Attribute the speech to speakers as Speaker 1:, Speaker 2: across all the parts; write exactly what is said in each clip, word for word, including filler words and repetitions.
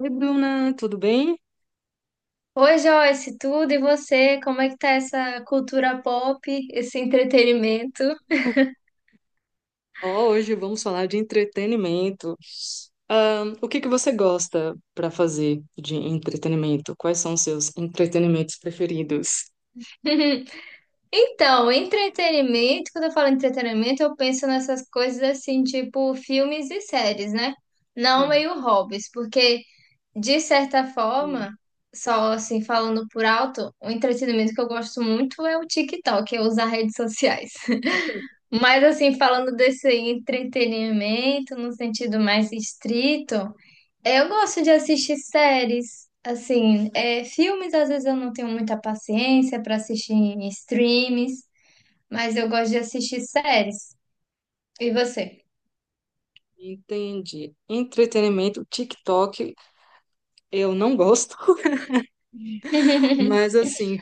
Speaker 1: Oi, Bruna, tudo bem?
Speaker 2: Oi, Joyce, tudo e você? Como é que tá essa cultura pop, esse entretenimento?
Speaker 1: Ó, hoje vamos falar de entretenimento. Ahn, o que que você gosta para fazer de entretenimento? Quais são os seus entretenimentos preferidos?
Speaker 2: Então, entretenimento, quando eu falo entretenimento, eu penso nessas coisas assim, tipo filmes e séries, né? Não
Speaker 1: Hum,
Speaker 2: meio hobbies, porque de certa
Speaker 1: hum,
Speaker 2: forma, só assim falando por alto, o entretenimento que eu gosto muito é o TikTok, eu usar redes sociais. Mas assim, falando desse entretenimento no sentido mais estrito, eu gosto de assistir séries, assim, é, filmes às vezes eu não tenho muita paciência para assistir em streams, mas eu gosto de assistir séries. E você?
Speaker 1: entendi. Entretenimento, TikTok, eu não gosto, mas assim,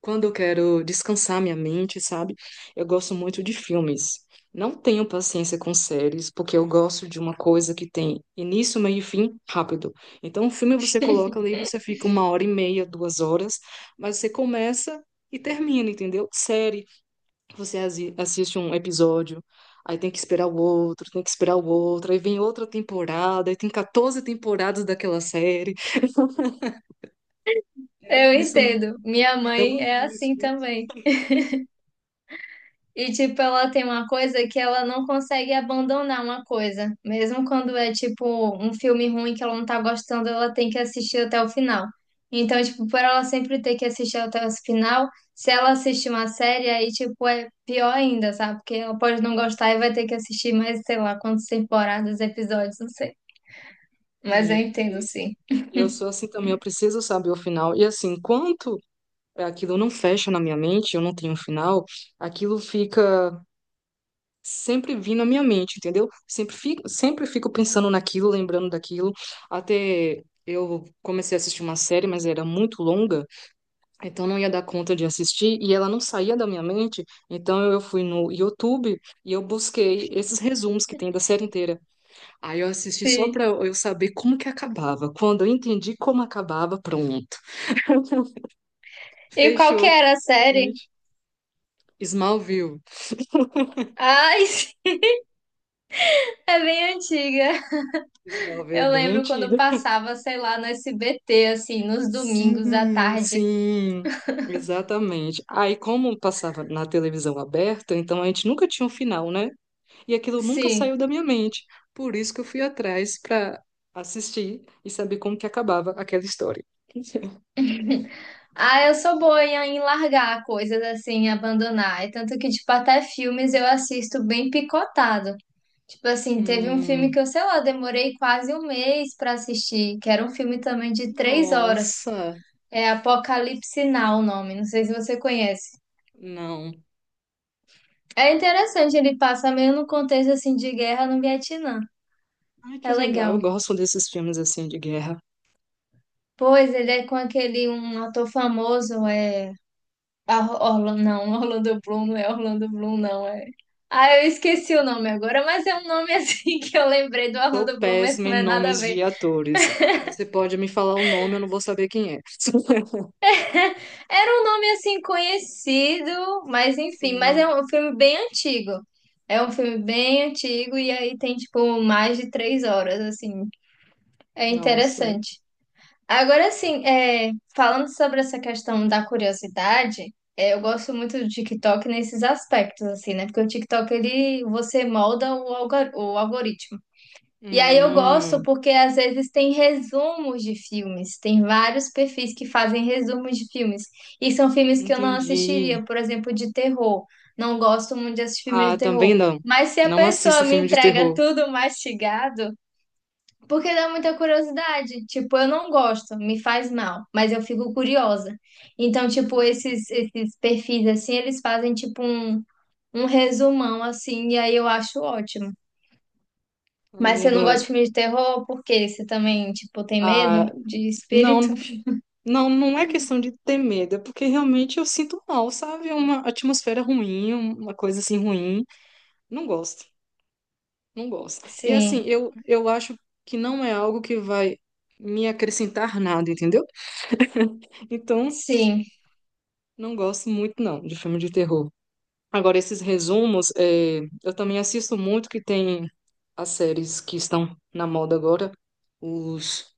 Speaker 1: quando eu quero descansar minha mente, sabe? Eu gosto muito de filmes. Não tenho paciência com séries, porque eu gosto de uma coisa que tem início, meio e fim rápido. Então, um filme você coloca ali, você fica uma hora e meia, duas horas, mas você começa e termina, entendeu? Série, você asi- assiste um episódio, aí tem que esperar o outro, tem que esperar o outro, aí vem outra temporada, aí tem quatorze temporadas daquela série.
Speaker 2: Eu
Speaker 1: Isso
Speaker 2: entendo.
Speaker 1: me
Speaker 2: Minha
Speaker 1: dá uma
Speaker 2: mãe é assim
Speaker 1: angústia.
Speaker 2: também. E, tipo, ela tem uma coisa que ela não consegue abandonar uma coisa. Mesmo quando é, tipo, um filme ruim que ela não tá gostando, ela tem que assistir até o final. Então, tipo, por ela sempre ter que assistir até o final, se ela assistir uma série, aí, tipo, é pior ainda, sabe? Porque ela pode não gostar e vai ter que assistir mais, sei lá, quantas temporadas, episódios, não sei. Mas eu
Speaker 1: Sim.
Speaker 2: entendo, sim.
Speaker 1: Eu sou assim também, eu preciso saber o final. E assim, enquanto aquilo não fecha na minha mente, eu não tenho um final, aquilo fica sempre vindo à minha mente, entendeu? Sempre fico, sempre fico pensando naquilo, lembrando daquilo. Até eu comecei a assistir uma série, mas era muito longa, então não ia dar conta de assistir e ela não saía da minha mente. Então eu fui no YouTube e eu busquei esses resumos que tem da série inteira. Aí eu assisti só
Speaker 2: Sim.
Speaker 1: pra eu saber como que acabava. Quando eu entendi como acabava, pronto.
Speaker 2: E qual
Speaker 1: Fechou
Speaker 2: que
Speaker 1: aqui,
Speaker 2: era a série?
Speaker 1: infelizmente. Smallville.
Speaker 2: Ai, é bem antiga.
Speaker 1: Smallville é
Speaker 2: Eu
Speaker 1: bem
Speaker 2: lembro quando eu
Speaker 1: antiga.
Speaker 2: passava, sei lá, no S B T, assim, nos domingos à
Speaker 1: Sim,
Speaker 2: tarde.
Speaker 1: sim, exatamente. Aí, como passava na televisão aberta, então a gente nunca tinha um final, né? E aquilo nunca
Speaker 2: Sim.
Speaker 1: saiu da minha mente. Por isso que eu fui atrás para assistir e saber como que acabava aquela história.
Speaker 2: Ah, eu sou boa em em largar coisas assim, abandonar. E tanto que, tipo, até filmes eu assisto bem picotado. Tipo assim, teve um filme
Speaker 1: Hum,
Speaker 2: que eu, sei lá, demorei quase um mês pra assistir, que era um filme também de três horas.
Speaker 1: nossa,
Speaker 2: É Apocalipse Now o nome, não sei se você conhece.
Speaker 1: não.
Speaker 2: É interessante, ele passa meio no contexto assim de guerra no Vietnã.
Speaker 1: Ai, que
Speaker 2: É
Speaker 1: legal.
Speaker 2: legal.
Speaker 1: Eu gosto desses filmes assim de guerra.
Speaker 2: Pois ele é com aquele um ator famoso, é Orlando, não, Orlando Bloom, não é Orlando Bloom, não, é. Ah, eu esqueci o nome agora, mas é um nome assim que eu lembrei do
Speaker 1: Sou
Speaker 2: Orlando Bloom, mas
Speaker 1: péssima
Speaker 2: não
Speaker 1: em
Speaker 2: é nada a
Speaker 1: nomes
Speaker 2: ver.
Speaker 1: de atores. Você pode me falar o nome, eu não vou saber quem é.
Speaker 2: Era um nome assim conhecido, mas enfim, mas é
Speaker 1: Sim,
Speaker 2: um filme bem antigo. É um filme bem antigo e aí tem tipo mais de três horas, assim. É
Speaker 1: nossa.
Speaker 2: interessante. Agora sim, é, falando sobre essa questão da curiosidade, é, eu gosto muito do TikTok nesses aspectos, assim, né? Porque o TikTok, ele, você molda o, algor- o algoritmo. E aí eu gosto
Speaker 1: Hum,
Speaker 2: porque às vezes tem resumos de filmes, tem vários perfis que fazem resumos de filmes. E são filmes que eu não
Speaker 1: entendi.
Speaker 2: assistiria, por exemplo, de terror. Não gosto muito de assistir filme
Speaker 1: Ah,
Speaker 2: de
Speaker 1: também
Speaker 2: terror.
Speaker 1: não.
Speaker 2: Mas se a
Speaker 1: Não assisto
Speaker 2: pessoa me
Speaker 1: filme de
Speaker 2: entrega
Speaker 1: terror.
Speaker 2: tudo mastigado, porque dá muita curiosidade. Tipo, eu não gosto, me faz mal, mas eu fico curiosa. Então, tipo, esses, esses perfis assim, eles fazem tipo um, um resumão assim, e aí eu acho ótimo. Mas você não
Speaker 1: Ah,
Speaker 2: gosta de filme de terror, por quê? Você também, tipo, tem medo
Speaker 1: ah,
Speaker 2: de espírito?
Speaker 1: não, não, não é questão de ter medo, é porque realmente eu sinto mal, sabe? É uma atmosfera ruim, uma coisa assim ruim. Não gosto, não gosto. E assim,
Speaker 2: Sim,
Speaker 1: eu, eu acho que não é algo que vai me acrescentar nada, entendeu? Então,
Speaker 2: sim.
Speaker 1: não gosto muito, não, de filme de terror. Agora, esses resumos, é, eu também assisto muito que tem as séries que estão na moda agora. Os.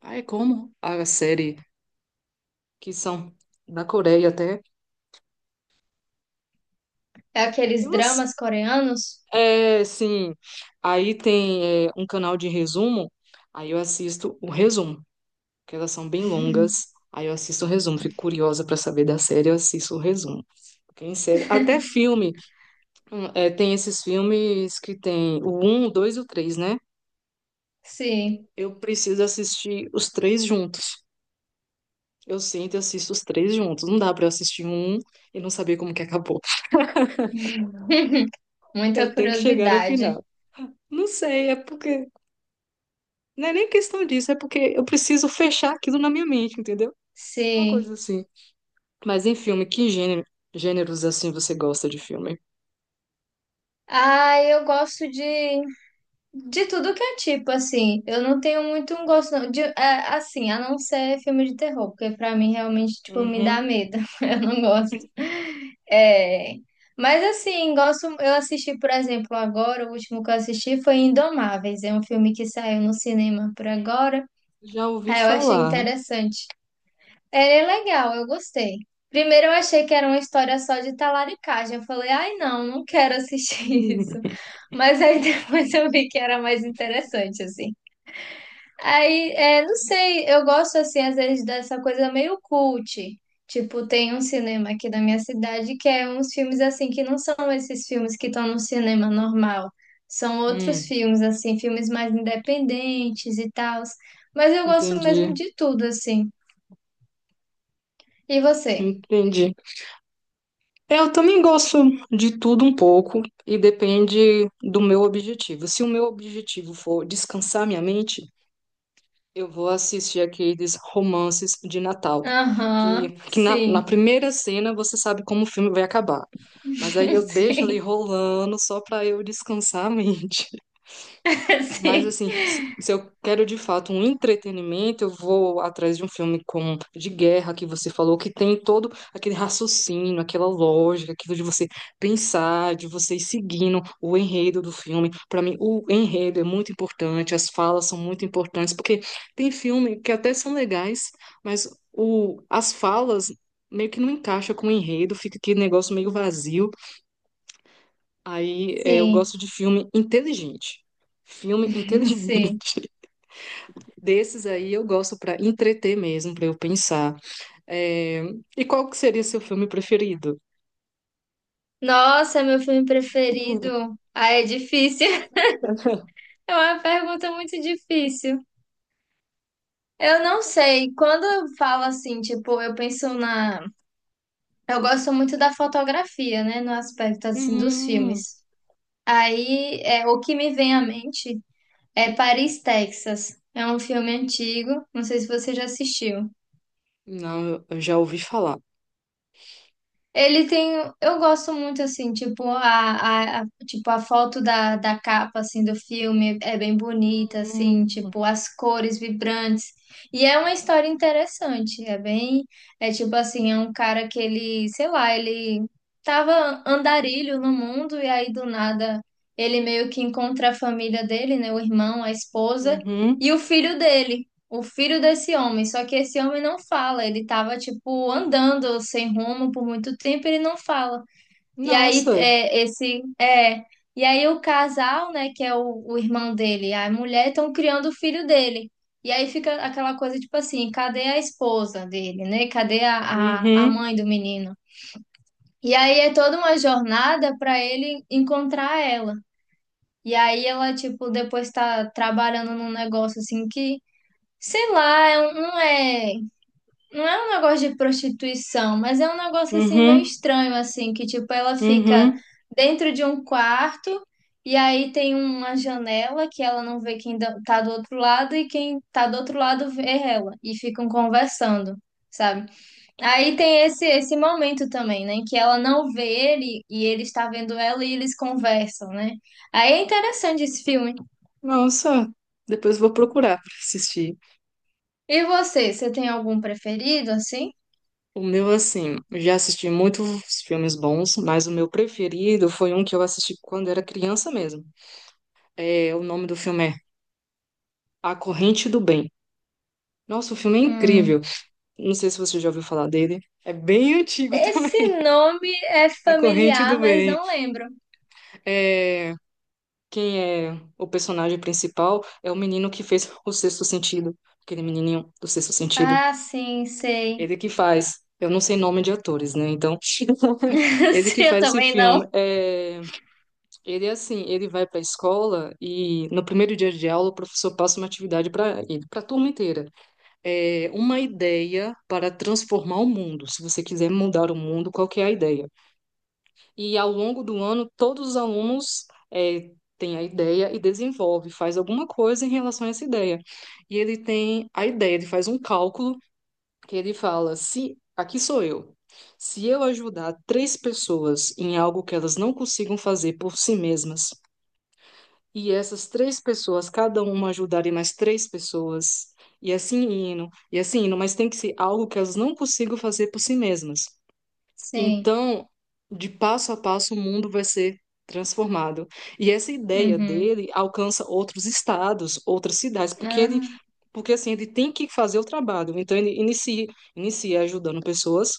Speaker 1: Ah, é como? A série que são da Coreia até.
Speaker 2: É
Speaker 1: Tem
Speaker 2: aqueles
Speaker 1: umas.
Speaker 2: dramas coreanos?
Speaker 1: É, sim. Aí tem é, um canal de resumo. Aí eu assisto o resumo, que elas são bem longas. Aí eu assisto o resumo. Fico curiosa para saber da série, eu assisto o resumo. Porque em série. Até filme. É, tem esses filmes que tem o um o dois e o três né?
Speaker 2: Sim,
Speaker 1: Eu preciso assistir os três juntos. Eu sinto e assisto os três juntos. Não dá pra eu assistir um um e não saber como que acabou. Eu
Speaker 2: muita
Speaker 1: tenho que chegar ao
Speaker 2: curiosidade.
Speaker 1: final. Não sei, é porque. Não é nem questão disso, é porque eu preciso fechar aquilo na minha mente, entendeu? Uma coisa
Speaker 2: Sim.
Speaker 1: assim. Mas em filme, que gênero, gêneros assim você gosta de filme?
Speaker 2: Ah, eu gosto de De tudo que é tipo, assim, eu não tenho muito um gosto, não, de, é, assim, a não ser filme de terror, porque pra mim realmente, tipo, me dá
Speaker 1: Uhum.
Speaker 2: medo, eu não gosto. É, mas assim, gosto, eu assisti, por exemplo, agora, o último que eu assisti foi Indomáveis, é um filme que saiu no cinema por agora,
Speaker 1: Já ouvi
Speaker 2: aí eu achei
Speaker 1: falar.
Speaker 2: interessante, é é legal, eu gostei. Primeiro eu achei que era uma história só de talaricagem. Eu falei, ai não, não quero assistir isso. Mas aí depois eu vi que era mais interessante, assim. Aí, é, não sei, eu gosto, assim, às vezes dessa coisa meio cult. Tipo, tem um cinema aqui da minha cidade que é uns filmes, assim, que não são esses filmes que estão no cinema normal. São
Speaker 1: Hum,
Speaker 2: outros
Speaker 1: hum,
Speaker 2: filmes, assim, filmes mais independentes e tal. Mas eu gosto mesmo
Speaker 1: entendi,
Speaker 2: de tudo, assim. E você?
Speaker 1: entendi. É, eu também gosto de tudo um pouco e depende do meu objetivo. Se o meu objetivo for descansar minha mente, eu vou assistir aqueles romances de Natal,
Speaker 2: Aham,
Speaker 1: que, que na, na
Speaker 2: sim,
Speaker 1: primeira cena você sabe como o filme vai acabar. Mas aí eu deixo ali
Speaker 2: sim,
Speaker 1: rolando só para eu descansar a mente. Mas
Speaker 2: sim,
Speaker 1: assim, se se eu quero de fato um entretenimento, eu vou atrás de um filme como de guerra que você falou, que tem todo aquele raciocínio, aquela lógica, aquilo de você pensar, de você ir seguindo o enredo do filme. Para mim, o enredo é muito importante, as falas são muito importantes, porque tem filme que até são legais, mas o, as falas meio que não encaixa com o enredo, fica aquele negócio meio vazio. Aí, é, eu
Speaker 2: sim,
Speaker 1: gosto de filme inteligente. Filme inteligente.
Speaker 2: sim.
Speaker 1: Desses aí eu gosto para entreter mesmo, para eu pensar. É, e qual que seria seu filme preferido?
Speaker 2: Nossa, meu filme preferido. Ah, é difícil. É uma pergunta muito difícil. Eu não sei. Quando eu falo assim, tipo, eu penso na. Eu gosto muito da fotografia, né? No aspecto assim dos
Speaker 1: Hum,
Speaker 2: filmes. Aí, é, o que me vem à mente é Paris, Texas. É um filme antigo. Não sei se você já assistiu.
Speaker 1: não, eu já ouvi falar.
Speaker 2: Ele tem, eu gosto muito assim, tipo a, a, a- tipo a foto da, da capa assim do filme é bem bonita assim,
Speaker 1: Hum,
Speaker 2: tipo as cores vibrantes. E é uma história interessante, é bem, é tipo assim, é um cara que ele, sei lá, ele tava andarilho no mundo e aí do nada ele meio que encontra a família dele, né, o irmão, a esposa
Speaker 1: Uhum.
Speaker 2: e o filho dele o filho desse homem, só que esse homem não fala, ele tava tipo andando sem rumo por muito tempo, ele não fala. E aí
Speaker 1: Nossa.
Speaker 2: é esse é, e aí o casal, né, que é o, o irmão dele, e a mulher estão criando o filho dele. E aí fica aquela coisa tipo assim, cadê a esposa dele, né? Cadê a, a, a
Speaker 1: Uhum.
Speaker 2: mãe do menino? E aí é toda uma jornada para ele encontrar ela. E aí ela tipo depois tá trabalhando num negócio assim que sei lá, é um- não é. Não é um negócio de prostituição, mas é um negócio assim meio
Speaker 1: Uhum.
Speaker 2: estranho, assim, que tipo, ela fica
Speaker 1: Uhum.
Speaker 2: dentro de um quarto e aí tem uma janela que ela não vê quem da- tá do outro lado e quem tá do outro lado vê ela e ficam conversando, sabe? Aí tem esse esse momento também, né, que ela não vê ele e ele está vendo ela e eles conversam, né? Aí é interessante esse filme.
Speaker 1: Nossa. Depois eu vou procurar para assistir.
Speaker 2: E você, você tem algum preferido assim?
Speaker 1: O meu, assim, eu já assisti muitos filmes bons, mas o meu preferido foi um que eu assisti quando era criança mesmo. É, o nome do filme é A Corrente do Bem. Nossa, o filme é
Speaker 2: Hum.
Speaker 1: incrível. Não sei se você já ouviu falar dele. É bem antigo também.
Speaker 2: Esse nome é
Speaker 1: A Corrente
Speaker 2: familiar,
Speaker 1: do
Speaker 2: mas
Speaker 1: Bem.
Speaker 2: não lembro.
Speaker 1: É, quem é o personagem principal é o menino que fez O Sexto Sentido. Aquele menininho do Sexto Sentido.
Speaker 2: Ah, sim, sei.
Speaker 1: Ele que faz. Eu não sei nome de atores, né? Então, ele que
Speaker 2: Sim, eu
Speaker 1: faz esse
Speaker 2: também não.
Speaker 1: filme. É, ele é assim, ele vai para a escola e no primeiro dia de aula o professor passa uma atividade para ele, para a turma inteira. É, uma ideia para transformar o mundo. Se você quiser mudar o mundo, qual que é a ideia? E ao longo do ano, todos os alunos é, têm a ideia e desenvolve, faz alguma coisa em relação a essa ideia. E ele tem a ideia, ele faz um cálculo que ele fala: se aqui sou eu. Se eu ajudar três pessoas em algo que elas não consigam fazer por si mesmas, e essas três pessoas, cada uma ajudarem mais três pessoas, e assim indo, e assim indo, mas tem que ser algo que elas não consigam fazer por si mesmas.
Speaker 2: Sim.
Speaker 1: Então, de passo a passo, o mundo vai ser transformado. E essa ideia
Speaker 2: Uhum.
Speaker 1: dele alcança outros estados, outras cidades, porque ele,
Speaker 2: Ah.
Speaker 1: porque assim, ele tem que fazer o trabalho. Então, ele inicia, inicia ajudando pessoas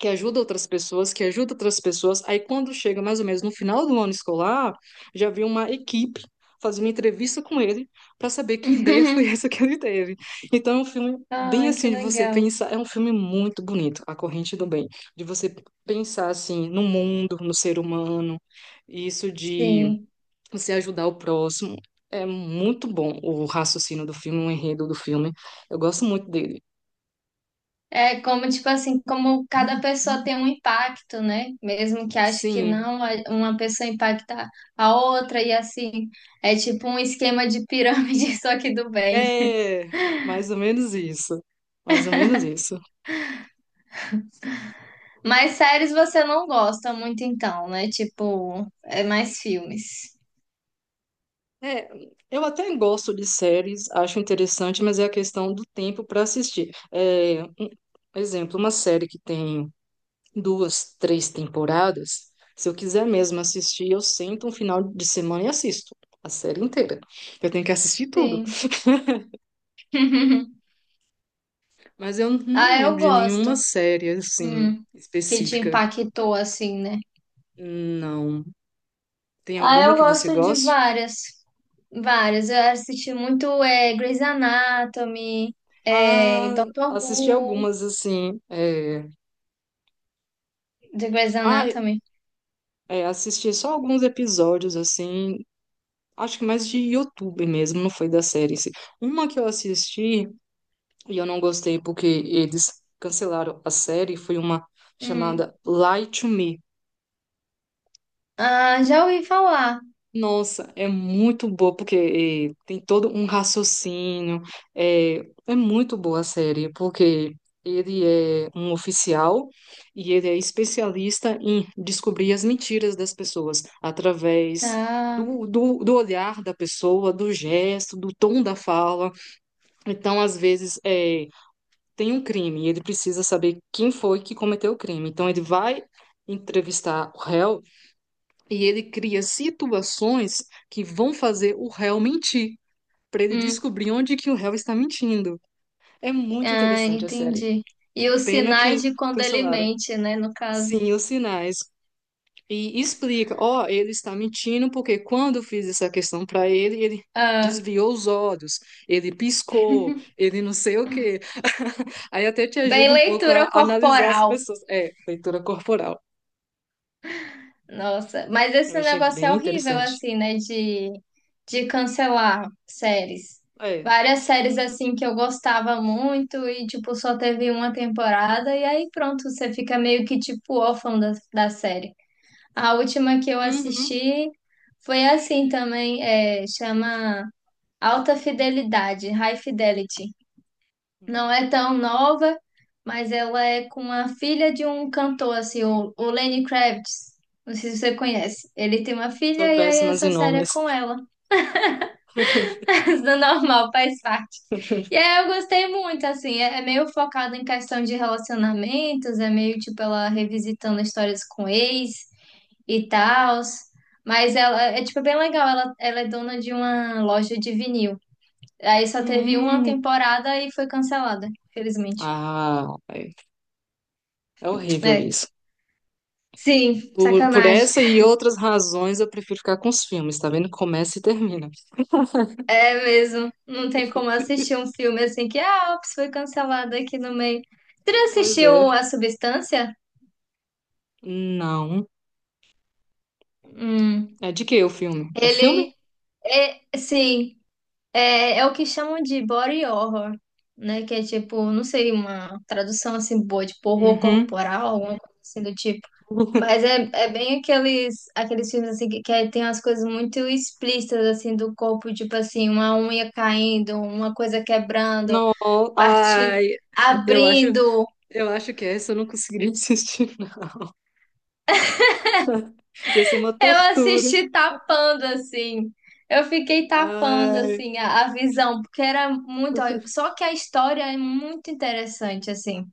Speaker 1: que ajuda outras pessoas, que ajuda outras pessoas. Aí quando chega mais ou menos no final do ano escolar, já vi uma equipe fazer uma entrevista com ele para saber que ideia foi essa que ele teve. Então é um filme bem
Speaker 2: Ai, que
Speaker 1: assim de você
Speaker 2: legal.
Speaker 1: pensar, é um filme muito bonito, A Corrente do Bem, de você pensar assim no mundo, no ser humano, isso de
Speaker 2: Sim.
Speaker 1: você ajudar o próximo. É muito bom o raciocínio do filme, o enredo do filme. Eu gosto muito dele.
Speaker 2: É como, tipo assim, como cada pessoa tem um impacto, né? Mesmo que ache que
Speaker 1: Sim,
Speaker 2: não, a- uma pessoa impacta a outra e assim. É tipo um esquema de pirâmide, só que do bem.
Speaker 1: é, mais ou menos isso. Mais ou menos isso.
Speaker 2: Mas séries você não gosta muito então, né? Tipo, é mais filmes.
Speaker 1: É, eu até gosto de séries, acho interessante, mas é a questão do tempo para assistir. É, um exemplo, uma série que tem duas, três temporadas, se eu quiser mesmo assistir, eu sento um final de semana e assisto a série inteira. Eu tenho que assistir tudo.
Speaker 2: Sim.
Speaker 1: Mas eu não
Speaker 2: Ah, eu
Speaker 1: lembro de
Speaker 2: gosto.
Speaker 1: nenhuma série assim
Speaker 2: Hum, que te
Speaker 1: específica.
Speaker 2: impactou assim, né?
Speaker 1: Não. Tem
Speaker 2: Ah,
Speaker 1: alguma
Speaker 2: eu
Speaker 1: que você
Speaker 2: gosto de
Speaker 1: goste?
Speaker 2: várias. Várias. Eu assisti muito é, Grey's Anatomy, é,
Speaker 1: Ah,
Speaker 2: Doctor
Speaker 1: assisti
Speaker 2: Who,
Speaker 1: algumas, assim. É...
Speaker 2: de Grey's
Speaker 1: Ah,
Speaker 2: Anatomy.
Speaker 1: é, assisti só alguns episódios, assim. Acho que mais de YouTube mesmo, não foi da série em si. Uma que eu assisti e eu não gostei porque eles cancelaram a série foi uma
Speaker 2: Hum.
Speaker 1: chamada Lie to Me.
Speaker 2: Ah, já ouvi falar.
Speaker 1: Nossa, é muito boa, porque eh, tem todo um raciocínio. É, é muito boa a série, porque ele é um oficial e ele é especialista em descobrir as mentiras das pessoas através
Speaker 2: Ah,
Speaker 1: do, do, do olhar da pessoa, do gesto, do tom da fala. Então, às vezes, eh, tem um crime e ele precisa saber quem foi que cometeu o crime. Então, ele vai entrevistar o réu. E ele cria situações que vão fazer o réu mentir, para ele
Speaker 2: hum,
Speaker 1: descobrir onde que o réu está mentindo. É muito
Speaker 2: ah,
Speaker 1: interessante a série.
Speaker 2: entendi. E
Speaker 1: Que
Speaker 2: os
Speaker 1: pena
Speaker 2: sinais
Speaker 1: que
Speaker 2: de quando ele
Speaker 1: cancelaram.
Speaker 2: mente, né, no caso.
Speaker 1: Sim, os sinais. E explica, ó, ele está mentindo porque quando eu fiz essa questão para ele, ele
Speaker 2: Ah,
Speaker 1: desviou os olhos, ele piscou, ele não sei o quê. Aí até te ajuda
Speaker 2: bem
Speaker 1: um pouco a
Speaker 2: leitura
Speaker 1: analisar as
Speaker 2: corporal.
Speaker 1: pessoas. É, leitura corporal.
Speaker 2: Nossa, mas
Speaker 1: Eu
Speaker 2: esse
Speaker 1: achei
Speaker 2: negócio é
Speaker 1: bem
Speaker 2: horrível,
Speaker 1: interessante.
Speaker 2: assim, né? De, de cancelar séries.
Speaker 1: É.
Speaker 2: Várias séries, assim, que eu gostava muito e, tipo, só teve uma temporada e aí pronto, você fica meio que, tipo, órfão da, da série. A última que eu
Speaker 1: Uhum.
Speaker 2: assisti foi assim também, é, chama Alta Fidelidade, High Fidelity. Não é tão nova, mas ela é com a filha de um cantor, assim, o, o Lenny Kravitz. Não sei se você conhece. Ele tem uma filha
Speaker 1: Sou
Speaker 2: e aí
Speaker 1: péssimas em
Speaker 2: essa série é
Speaker 1: nomes.
Speaker 2: com ela. Do normal, faz parte. E aí eu gostei muito, assim, é, é meio focado em questão de relacionamentos, é meio tipo ela revisitando histórias com ex e tal. Mas ela é é, tipo bem legal, ela, ela é dona de uma loja de vinil. Aí só teve uma
Speaker 1: Hum,
Speaker 2: temporada e foi cancelada, felizmente.
Speaker 1: ah, é é horrível
Speaker 2: É.
Speaker 1: isso.
Speaker 2: Sim,
Speaker 1: Por, por
Speaker 2: sacanagem.
Speaker 1: essa e outras razões, eu prefiro ficar com os filmes, tá vendo? Começa e termina.
Speaker 2: É mesmo. Não tem como assistir um filme assim que, ah, ops, foi cancelado aqui no meio. Você já
Speaker 1: Pois
Speaker 2: assistiu
Speaker 1: é.
Speaker 2: A Substância?
Speaker 1: Não.
Speaker 2: Hum.
Speaker 1: É de que o filme? É filme?
Speaker 2: Ele é, sim, é, é o que chamam de body horror, né? Que é tipo, não sei, uma tradução assim boa, tipo horror
Speaker 1: Uhum.
Speaker 2: corporal, alguma coisa assim do tipo. Mas é, é bem aqueles, aqueles filmes assim que, que, é, tem umas coisas muito explícitas assim do corpo, tipo assim, uma unha caindo, uma coisa quebrando,
Speaker 1: Não,
Speaker 2: partindo,
Speaker 1: ai, eu acho,
Speaker 2: abrindo.
Speaker 1: eu acho que essa eu não conseguiria assistir. Não. Ia ser uma
Speaker 2: Eu
Speaker 1: tortura.
Speaker 2: assisti tapando assim. Eu fiquei tapando
Speaker 1: Ai.
Speaker 2: assim a, a visão, porque era muito. Só que a história é muito interessante assim.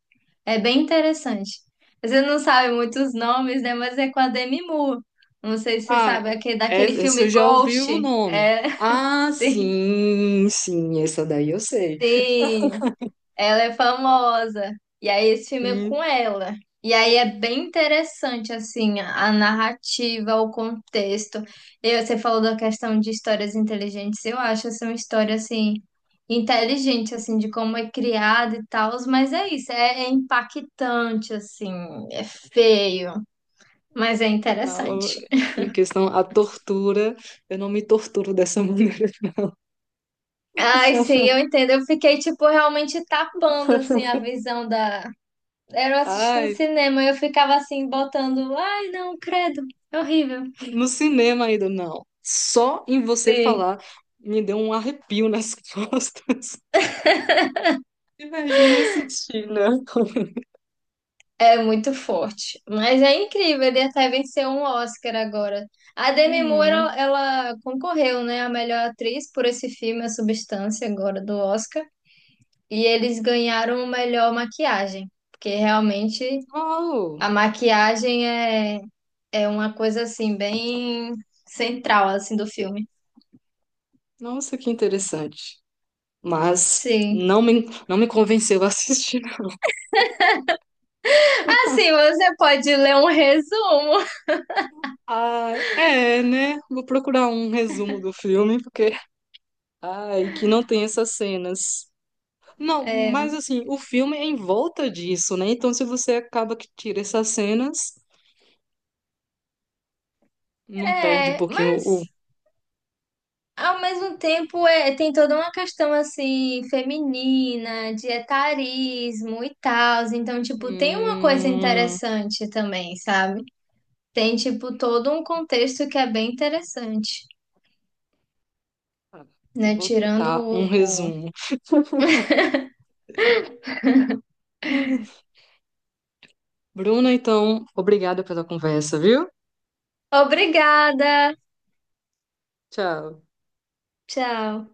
Speaker 2: É bem interessante. Você não sabe muitos nomes, né? Mas é com a Demi Moore. Não sei se você
Speaker 1: Ah,
Speaker 2: sabe, aquele, daquele
Speaker 1: é- essa
Speaker 2: filme
Speaker 1: eu já ouvi
Speaker 2: Ghost.
Speaker 1: o nome.
Speaker 2: É,
Speaker 1: Ah,
Speaker 2: sim,
Speaker 1: sim, sim, essa daí eu sei.
Speaker 2: sim. Ela é famosa. E aí esse filme é com
Speaker 1: Sim,
Speaker 2: ela. E aí é bem interessante, assim, a a narrativa, o contexto. E você falou da questão de histórias inteligentes. Eu acho essa uma história, assim, inteligente, assim, de como é criada e tal. Mas é isso, é, é impactante, assim, é feio, mas é
Speaker 1: não,
Speaker 2: interessante.
Speaker 1: em questão à tortura, eu não me torturo dessa maneira.
Speaker 2: Ai, sim, eu entendo. Eu fiquei, tipo, realmente tapando, assim, a visão. Da Era eu assistindo no
Speaker 1: Ai,
Speaker 2: cinema, eu ficava assim, botando, ai, não, credo, é horrível.
Speaker 1: no cinema ainda não. Só em você
Speaker 2: Sim.
Speaker 1: falar me deu um arrepio nas costas. Imagina assistir, né?
Speaker 2: É muito forte. Mas é incrível, ele até venceu um Oscar agora. A Demi Moore, ela
Speaker 1: Hum,
Speaker 2: ela concorreu, né, a melhor atriz por esse filme, A Substância, agora do Oscar. E eles ganharam o melhor maquiagem, porque realmente
Speaker 1: uau!
Speaker 2: a maquiagem é, é uma coisa, assim, bem central, assim, do filme.
Speaker 1: Nossa, que interessante. Mas
Speaker 2: Sim.
Speaker 1: não me, não me convenceu a assistir.
Speaker 2: Assim, você pode ler um resumo.
Speaker 1: Ah, é, né? Vou procurar um resumo do filme, porque. Ai, que não tem essas cenas. Não, mas
Speaker 2: É,
Speaker 1: assim, o filme é em volta disso, né? Então, se você acaba que tira essas cenas, não perde um
Speaker 2: é,
Speaker 1: pouquinho o.
Speaker 2: mas ao mesmo tempo é, tem toda uma questão assim feminina, de etarismo e tal. Então, tipo, tem uma coisa
Speaker 1: Hum...
Speaker 2: interessante também, sabe? Tem, tipo, todo um contexto que é bem interessante,
Speaker 1: ah,
Speaker 2: né?
Speaker 1: vou
Speaker 2: Tirando
Speaker 1: tentar um
Speaker 2: o... o-
Speaker 1: resumo. Bruna, então, obrigada pela conversa, viu?
Speaker 2: Obrigada!
Speaker 1: Tchau.
Speaker 2: Tchau!